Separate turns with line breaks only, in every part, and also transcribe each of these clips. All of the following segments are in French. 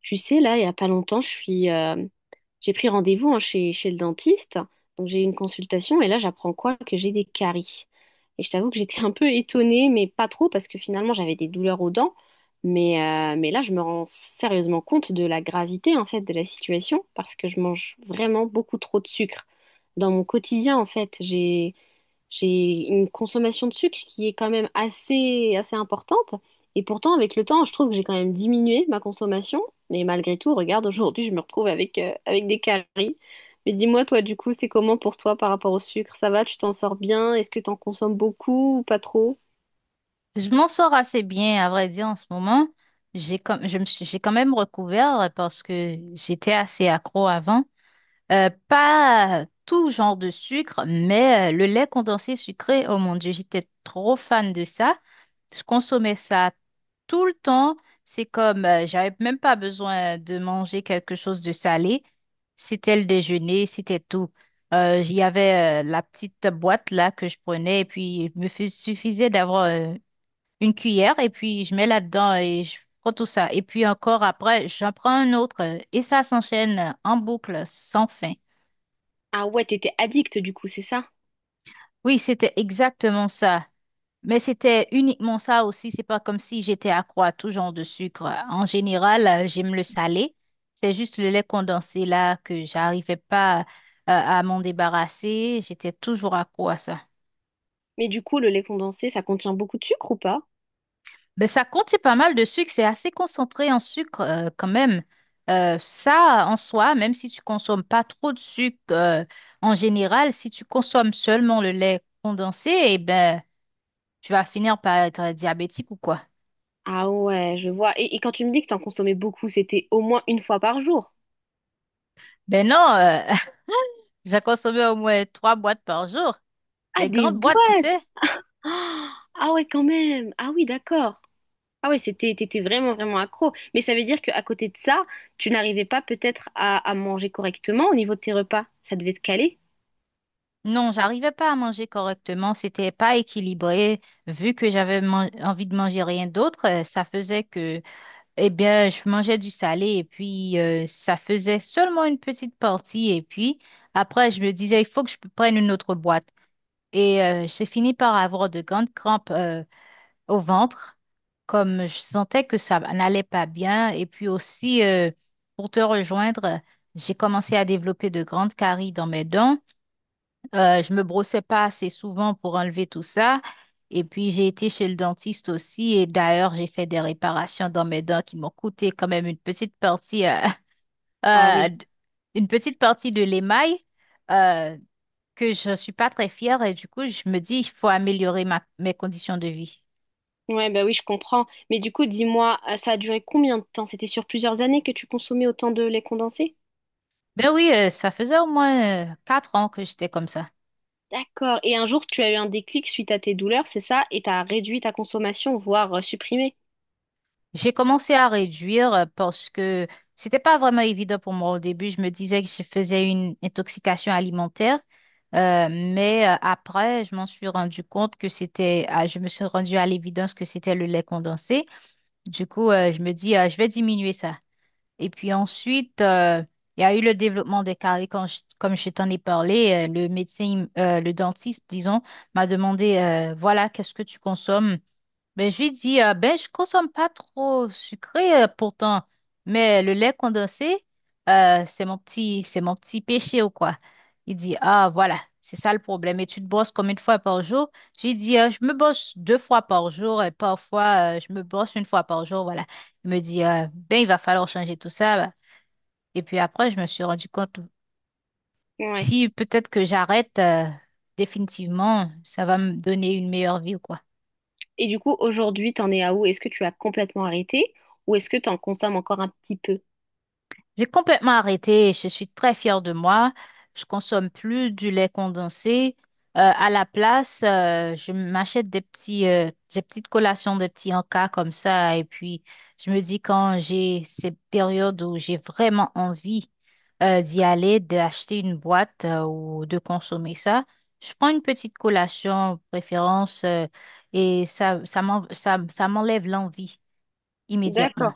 Tu sais, là, il n'y a pas longtemps, j'ai pris rendez-vous hein, chez le dentiste. Donc, j'ai eu une consultation et là, j'apprends quoi? Que j'ai des caries. Et je t'avoue que j'étais un peu étonnée, mais pas trop, parce que finalement, j'avais des douleurs aux dents. Mais là, je me rends sérieusement compte de la gravité, en fait, de la situation, parce que je mange vraiment beaucoup trop de sucre. Dans mon quotidien, en fait, j'ai une consommation de sucre qui est quand même assez importante. Et pourtant, avec le temps, je trouve que j'ai quand même diminué ma consommation. Mais malgré tout, regarde, aujourd'hui, je me retrouve avec des caries. Mais dis-moi, toi, du coup, c'est comment pour toi par rapport au sucre? Ça va, tu t'en sors bien? Est-ce que t'en consommes beaucoup ou pas trop?
Je m'en sors assez bien, à vrai dire, en ce moment. J'ai comme, j'ai quand même recouvert parce que j'étais assez accro avant. Pas tout genre de sucre, mais le lait condensé sucré, oh mon Dieu, j'étais trop fan de ça. Je consommais ça tout le temps. C'est comme, j'avais même pas besoin de manger quelque chose de salé. C'était le déjeuner, c'était tout. Il y avait la petite boîte là que je prenais et puis suffisait d'avoir une cuillère et puis je mets là-dedans et je prends tout ça. Et puis encore après, j'en prends un autre et ça s'enchaîne en boucle sans fin.
Ah ouais, t'étais addict, du coup, c'est ça?
Oui, c'était exactement ça. Mais c'était uniquement ça aussi. C'est pas comme si j'étais accro à tout genre de sucre. En général, j'aime le salé. C'est juste le lait condensé là que j'arrivais pas à m'en débarrasser. J'étais toujours accro à ça.
Mais du coup, le lait condensé, ça contient beaucoup de sucre ou pas?
Ben, ça contient pas mal de sucre, c'est assez concentré en sucre quand même. Ça, en soi, même si tu consommes pas trop de sucre en général, si tu consommes seulement le lait condensé, eh ben, tu vas finir par être diabétique ou quoi.
Ah ouais, je vois. Et quand tu me dis que t'en consommais beaucoup, c'était au moins une fois par jour.
Ben non, j'ai consommé au moins trois boîtes par jour.
Ah,
Les
des
grandes boîtes, tu
boîtes!
sais.
Ah ah ouais, quand même. Ah oui, d'accord. Ah ouais, t'étais vraiment, vraiment accro. Mais ça veut dire qu'à côté de ça, tu n'arrivais pas peut-être à manger correctement au niveau de tes repas. Ça devait te caler.
Non, j'arrivais pas à manger correctement, c'était pas équilibré. Vu que envie de manger rien d'autre, ça faisait que eh bien, je mangeais du salé et puis ça faisait seulement une petite partie. Et puis après, je me disais, il faut que je prenne une autre boîte. Et j'ai fini par avoir de grandes crampes au ventre, comme je sentais que ça n'allait pas bien. Et puis aussi, pour te rejoindre, j'ai commencé à développer de grandes caries dans mes dents. Je me brossais pas assez souvent pour enlever tout ça. Et puis, j'ai été chez le dentiste aussi. Et d'ailleurs, j'ai fait des réparations dans mes dents qui m'ont coûté quand même une petite partie,
Ah
euh,
oui.
d- une petite partie de l'émail, euh, que je suis pas très fière. Et du coup, je me dis, il faut améliorer ma, mes conditions de vie.
Ouais, bah oui, je comprends. Mais du coup, dis-moi, ça a duré combien de temps? C'était sur plusieurs années que tu consommais autant de lait condensé?
Ben oui, ça faisait au moins 4 ans que j'étais comme ça.
D'accord. Et un jour, tu as eu un déclic suite à tes douleurs, c'est ça? Et t'as réduit ta consommation, voire supprimé.
J'ai commencé à réduire parce que c'était pas vraiment évident pour moi au début. Je me disais que je faisais une intoxication alimentaire, mais après, je m'en suis rendu compte que c'était, ah, je me suis rendu à l'évidence que c'était le lait condensé. Du coup, je me dis, je vais diminuer ça. Et puis ensuite, il y a eu le développement des caries comme je t'en ai parlé. Le médecin, le dentiste, disons, m'a demandé, voilà, qu'est-ce que tu consommes? Ben, je lui dis, ben, je consomme pas trop sucré pourtant, mais le lait condensé, c'est mon petit péché ou quoi. Il dit, ah, voilà, c'est ça le problème. Et tu te brosses combien de fois par jour? Je lui dis, je me brosse deux fois par jour et parfois, je me brosse une fois par jour, voilà. Il me dit, ben, il va falloir changer tout ça. Bah. Et puis après, je me suis rendu compte,
Ouais.
si peut-être que j'arrête, définitivement, ça va me donner une meilleure vie ou quoi.
Et du coup, aujourd'hui, t'en es à où? Est-ce que tu as complètement arrêté ou est-ce que t'en consommes encore un petit peu?
J'ai complètement arrêté. Je suis très fière de moi. Je consomme plus du lait condensé. À la place, je m'achète des petits, des petites collations, des petits encas comme ça. Et puis, je me dis quand j'ai ces périodes où j'ai vraiment envie, d'y aller, d'acheter une boîte, ou de consommer ça, je prends une petite collation, préférence, et ça, ça m'enlève l'envie immédiatement.
D'accord.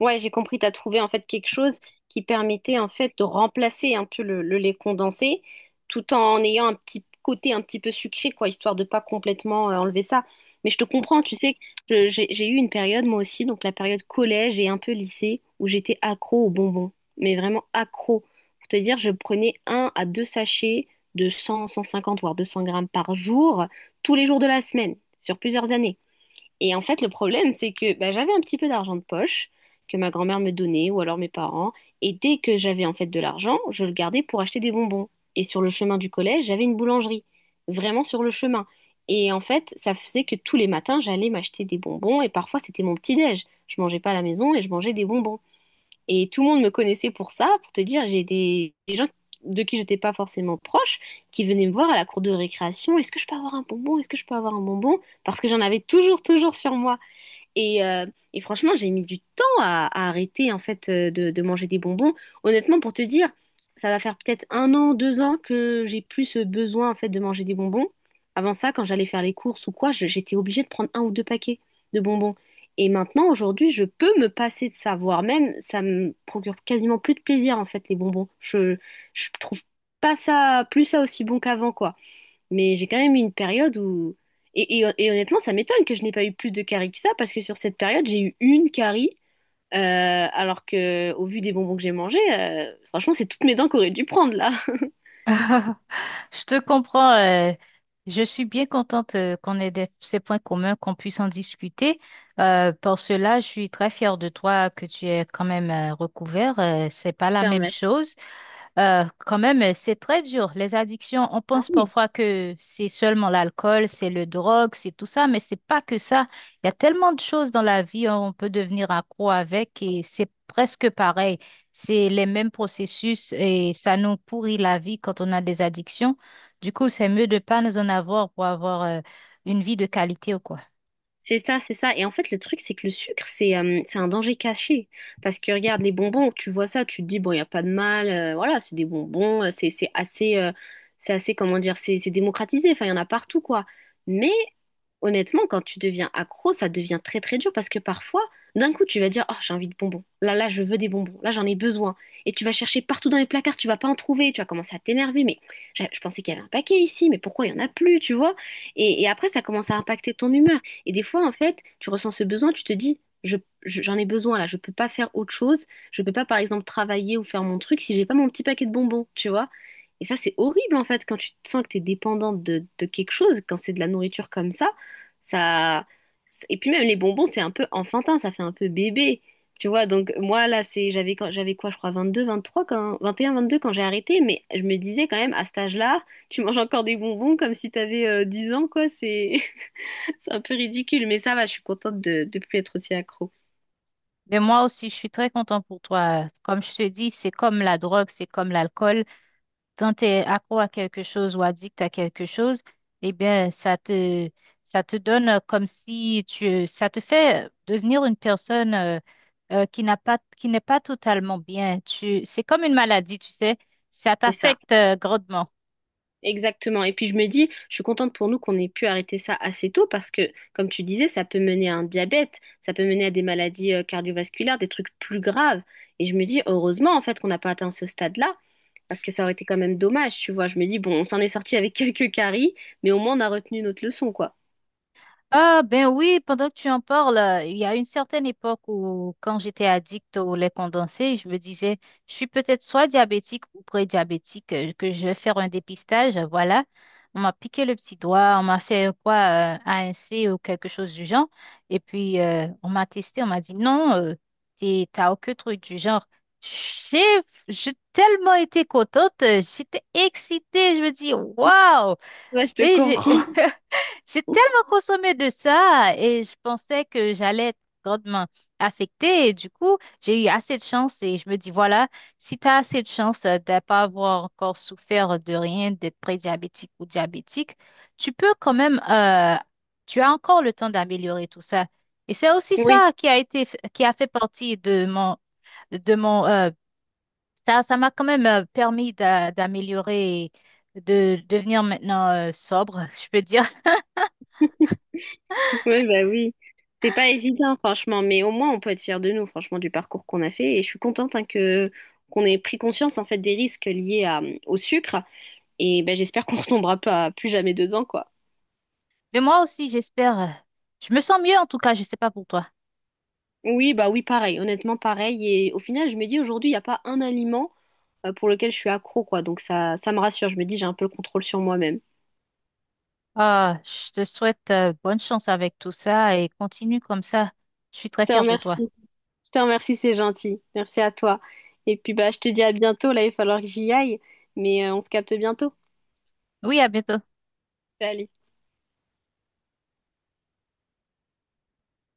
Ouais, j'ai compris, tu as trouvé en fait quelque chose qui permettait en fait de remplacer un peu le lait condensé tout en ayant un petit côté un petit peu sucré, quoi, histoire de pas complètement enlever ça. Mais je te comprends, tu sais, j'ai eu une période moi aussi, donc la période collège et un peu lycée, où j'étais accro aux bonbons, mais vraiment accro. Pour te dire, je prenais un à deux sachets de 100, 150, voire 200 grammes par jour, tous les jours de la semaine, sur plusieurs années. Et en fait, le problème, c'est que bah, j'avais un petit peu d'argent de poche que ma grand-mère me donnait ou alors mes parents. Et dès que j'avais en fait de l'argent, je le gardais pour acheter des bonbons. Et sur le chemin du collège, j'avais une boulangerie, vraiment sur le chemin. Et en fait, ça faisait que tous les matins, j'allais m'acheter des bonbons et parfois c'était mon petit-déj. Je mangeais pas à la maison et je mangeais des bonbons. Et tout le monde me connaissait pour ça, pour te dire, j'ai des gens de qui j'étais pas forcément proche qui venaient me voir à la cour de récréation. Est-ce que je peux avoir un bonbon? Est-ce que je peux avoir un bonbon? Parce que j'en avais toujours, toujours sur moi. Et, euh, et franchement, j'ai mis du temps à arrêter en fait de manger des bonbons. Honnêtement, pour te dire, ça va faire peut-être un an, deux ans que j'ai plus ce besoin en fait de manger des bonbons. Avant ça, quand j'allais faire les courses ou quoi, j'étais obligée de prendre un ou deux paquets de bonbons. Et maintenant, aujourd'hui, je peux me passer de ça, voire même ça me procure quasiment plus de plaisir en fait les bonbons. Je trouve pas ça plus ça aussi bon qu'avant quoi. Mais j'ai quand même eu une période où. Et honnêtement, ça m'étonne que je n'ai pas eu plus de caries que ça, parce que sur cette période, j'ai eu une carie, alors que au vu des bonbons que j'ai mangés, franchement, c'est toutes mes dents qu'aurait dû prendre là.
Je te comprends. Je suis bien contente qu'on ait ces points communs, qu'on puisse en discuter. Pour cela, je suis très fière de toi que tu aies quand même recouvert. C'est pas la même
Permettre.
chose. Quand même, c'est très dur. Les addictions, on
Ah
pense
oui.
parfois que c'est seulement l'alcool, c'est le drogue, c'est tout ça, mais c'est pas que ça. Il y a tellement de choses dans la vie, hein, on peut devenir accro avec et c'est presque pareil. C'est les mêmes processus et ça nous pourrit la vie quand on a des addictions. Du coup, c'est mieux de pas nous en avoir pour avoir une vie de qualité ou quoi.
C'est ça, c'est ça. Et en fait, le truc, c'est que le sucre, c'est un danger caché. Parce que regarde, les bonbons, tu vois ça, tu te dis, bon, il n'y a pas de mal, voilà, c'est des bonbons, c'est assez, comment dire, c'est démocratisé, enfin, il y en a partout, quoi. Mais honnêtement, quand tu deviens accro, ça devient très très dur parce que parfois, d'un coup, tu vas dire, oh, j'ai envie de bonbons. Là, là, je veux des bonbons. Là, j'en ai besoin. Et tu vas chercher partout dans les placards, tu vas pas en trouver. Tu vas commencer à t'énerver. Mais je pensais qu'il y avait un paquet ici, mais pourquoi il y en a plus, tu vois? Et après, ça commence à impacter ton humeur. Et des fois, en fait, tu ressens ce besoin, tu te dis, j'en ai besoin là. Je peux pas faire autre chose. Je peux pas, par exemple, travailler ou faire mon truc si j'ai pas mon petit paquet de bonbons, tu vois? Et ça, c'est horrible en fait quand tu te sens que tu es dépendante de quelque chose, quand c'est de la nourriture comme ça. Ça. Et puis même les bonbons, c'est un peu enfantin, ça fait un peu bébé. Tu vois, donc moi là, c'est j'avais quoi, je crois 22, 23 quand 21, 22 quand j'ai arrêté, mais je me disais quand même à cet âge-là, tu manges encore des bonbons comme si t'avais avais 10 ans quoi, c'est c'est un peu ridicule, mais ça va, je suis contente de plus être aussi accro.
Mais moi aussi, je suis très contente pour toi. Comme je te dis, c'est comme la drogue, c'est comme l'alcool. Quand tu es accro à quelque chose ou addict à quelque chose, eh bien, ça te donne comme si tu, ça te fait devenir une personne qui n'a pas, qui n'est pas totalement bien. Tu, c'est comme une maladie, tu sais, ça
C'est ça.
t'affecte grandement.
Exactement. Et puis je me dis, je suis contente pour nous qu'on ait pu arrêter ça assez tôt parce que, comme tu disais, ça peut mener à un diabète, ça peut mener à des maladies cardiovasculaires, des trucs plus graves. Et je me dis, heureusement, en fait, qu'on n'a pas atteint ce stade-là parce que ça aurait été quand même dommage, tu vois. Je me dis, bon, on s'en est sorti avec quelques caries, mais au moins on a retenu notre leçon, quoi.
Ah ben oui, pendant que tu en parles, il y a une certaine époque où quand j'étais addict au lait condensé, je me disais, je suis peut-être soit diabétique ou pré-diabétique, que je vais faire un dépistage, voilà. On m'a piqué le petit doigt, on m'a fait quoi, A1C ou quelque chose du genre. Et puis, on m'a testé, on m'a dit, non, t'as aucun truc du genre. J'ai j'ai tellement été contente, j'étais excitée, je me dis, waouh!
Ouais, je te
Et j'ai
comprends.
j'ai tellement consommé de ça et je pensais que j'allais être grandement affectée. Et du coup, j'ai eu assez de chance et je me dis, voilà, si tu as assez de chance de ne pas avoir encore souffert de rien, d'être prédiabétique ou diabétique, tu peux quand même, tu as encore le temps d'améliorer tout ça. Et c'est aussi
Oui,
ça qui a été, qui a fait partie de mon, ça, ça m'a quand même permis d'améliorer, de devenir maintenant, sobre, je peux dire.
oui, bah oui. C'est pas évident, franchement, mais au moins on peut être fiers de nous, franchement, du parcours qu'on a fait. Et je suis contente hein, que qu'on ait pris conscience en fait des risques liés au sucre. Et ben, j'espère qu'on retombera pas plus jamais dedans, quoi.
Mais moi aussi, j'espère. Je me sens mieux en tout cas, je sais pas pour toi.
Oui, bah oui, pareil, honnêtement, pareil. Et au final, je me dis aujourd'hui, il n'y a pas un aliment pour lequel je suis accro, quoi. Donc ça me rassure. Je me dis, j'ai un peu le contrôle sur moi-même.
Ah, je te souhaite bonne chance avec tout ça et continue comme ça. Je suis
Je
très
te
fière de toi.
remercie. Je te remercie, c'est gentil. Merci à toi. Et puis, bah, je te dis à bientôt. Là, il va falloir que j'y aille. Mais on se capte bientôt.
Oui, à bientôt.
Salut.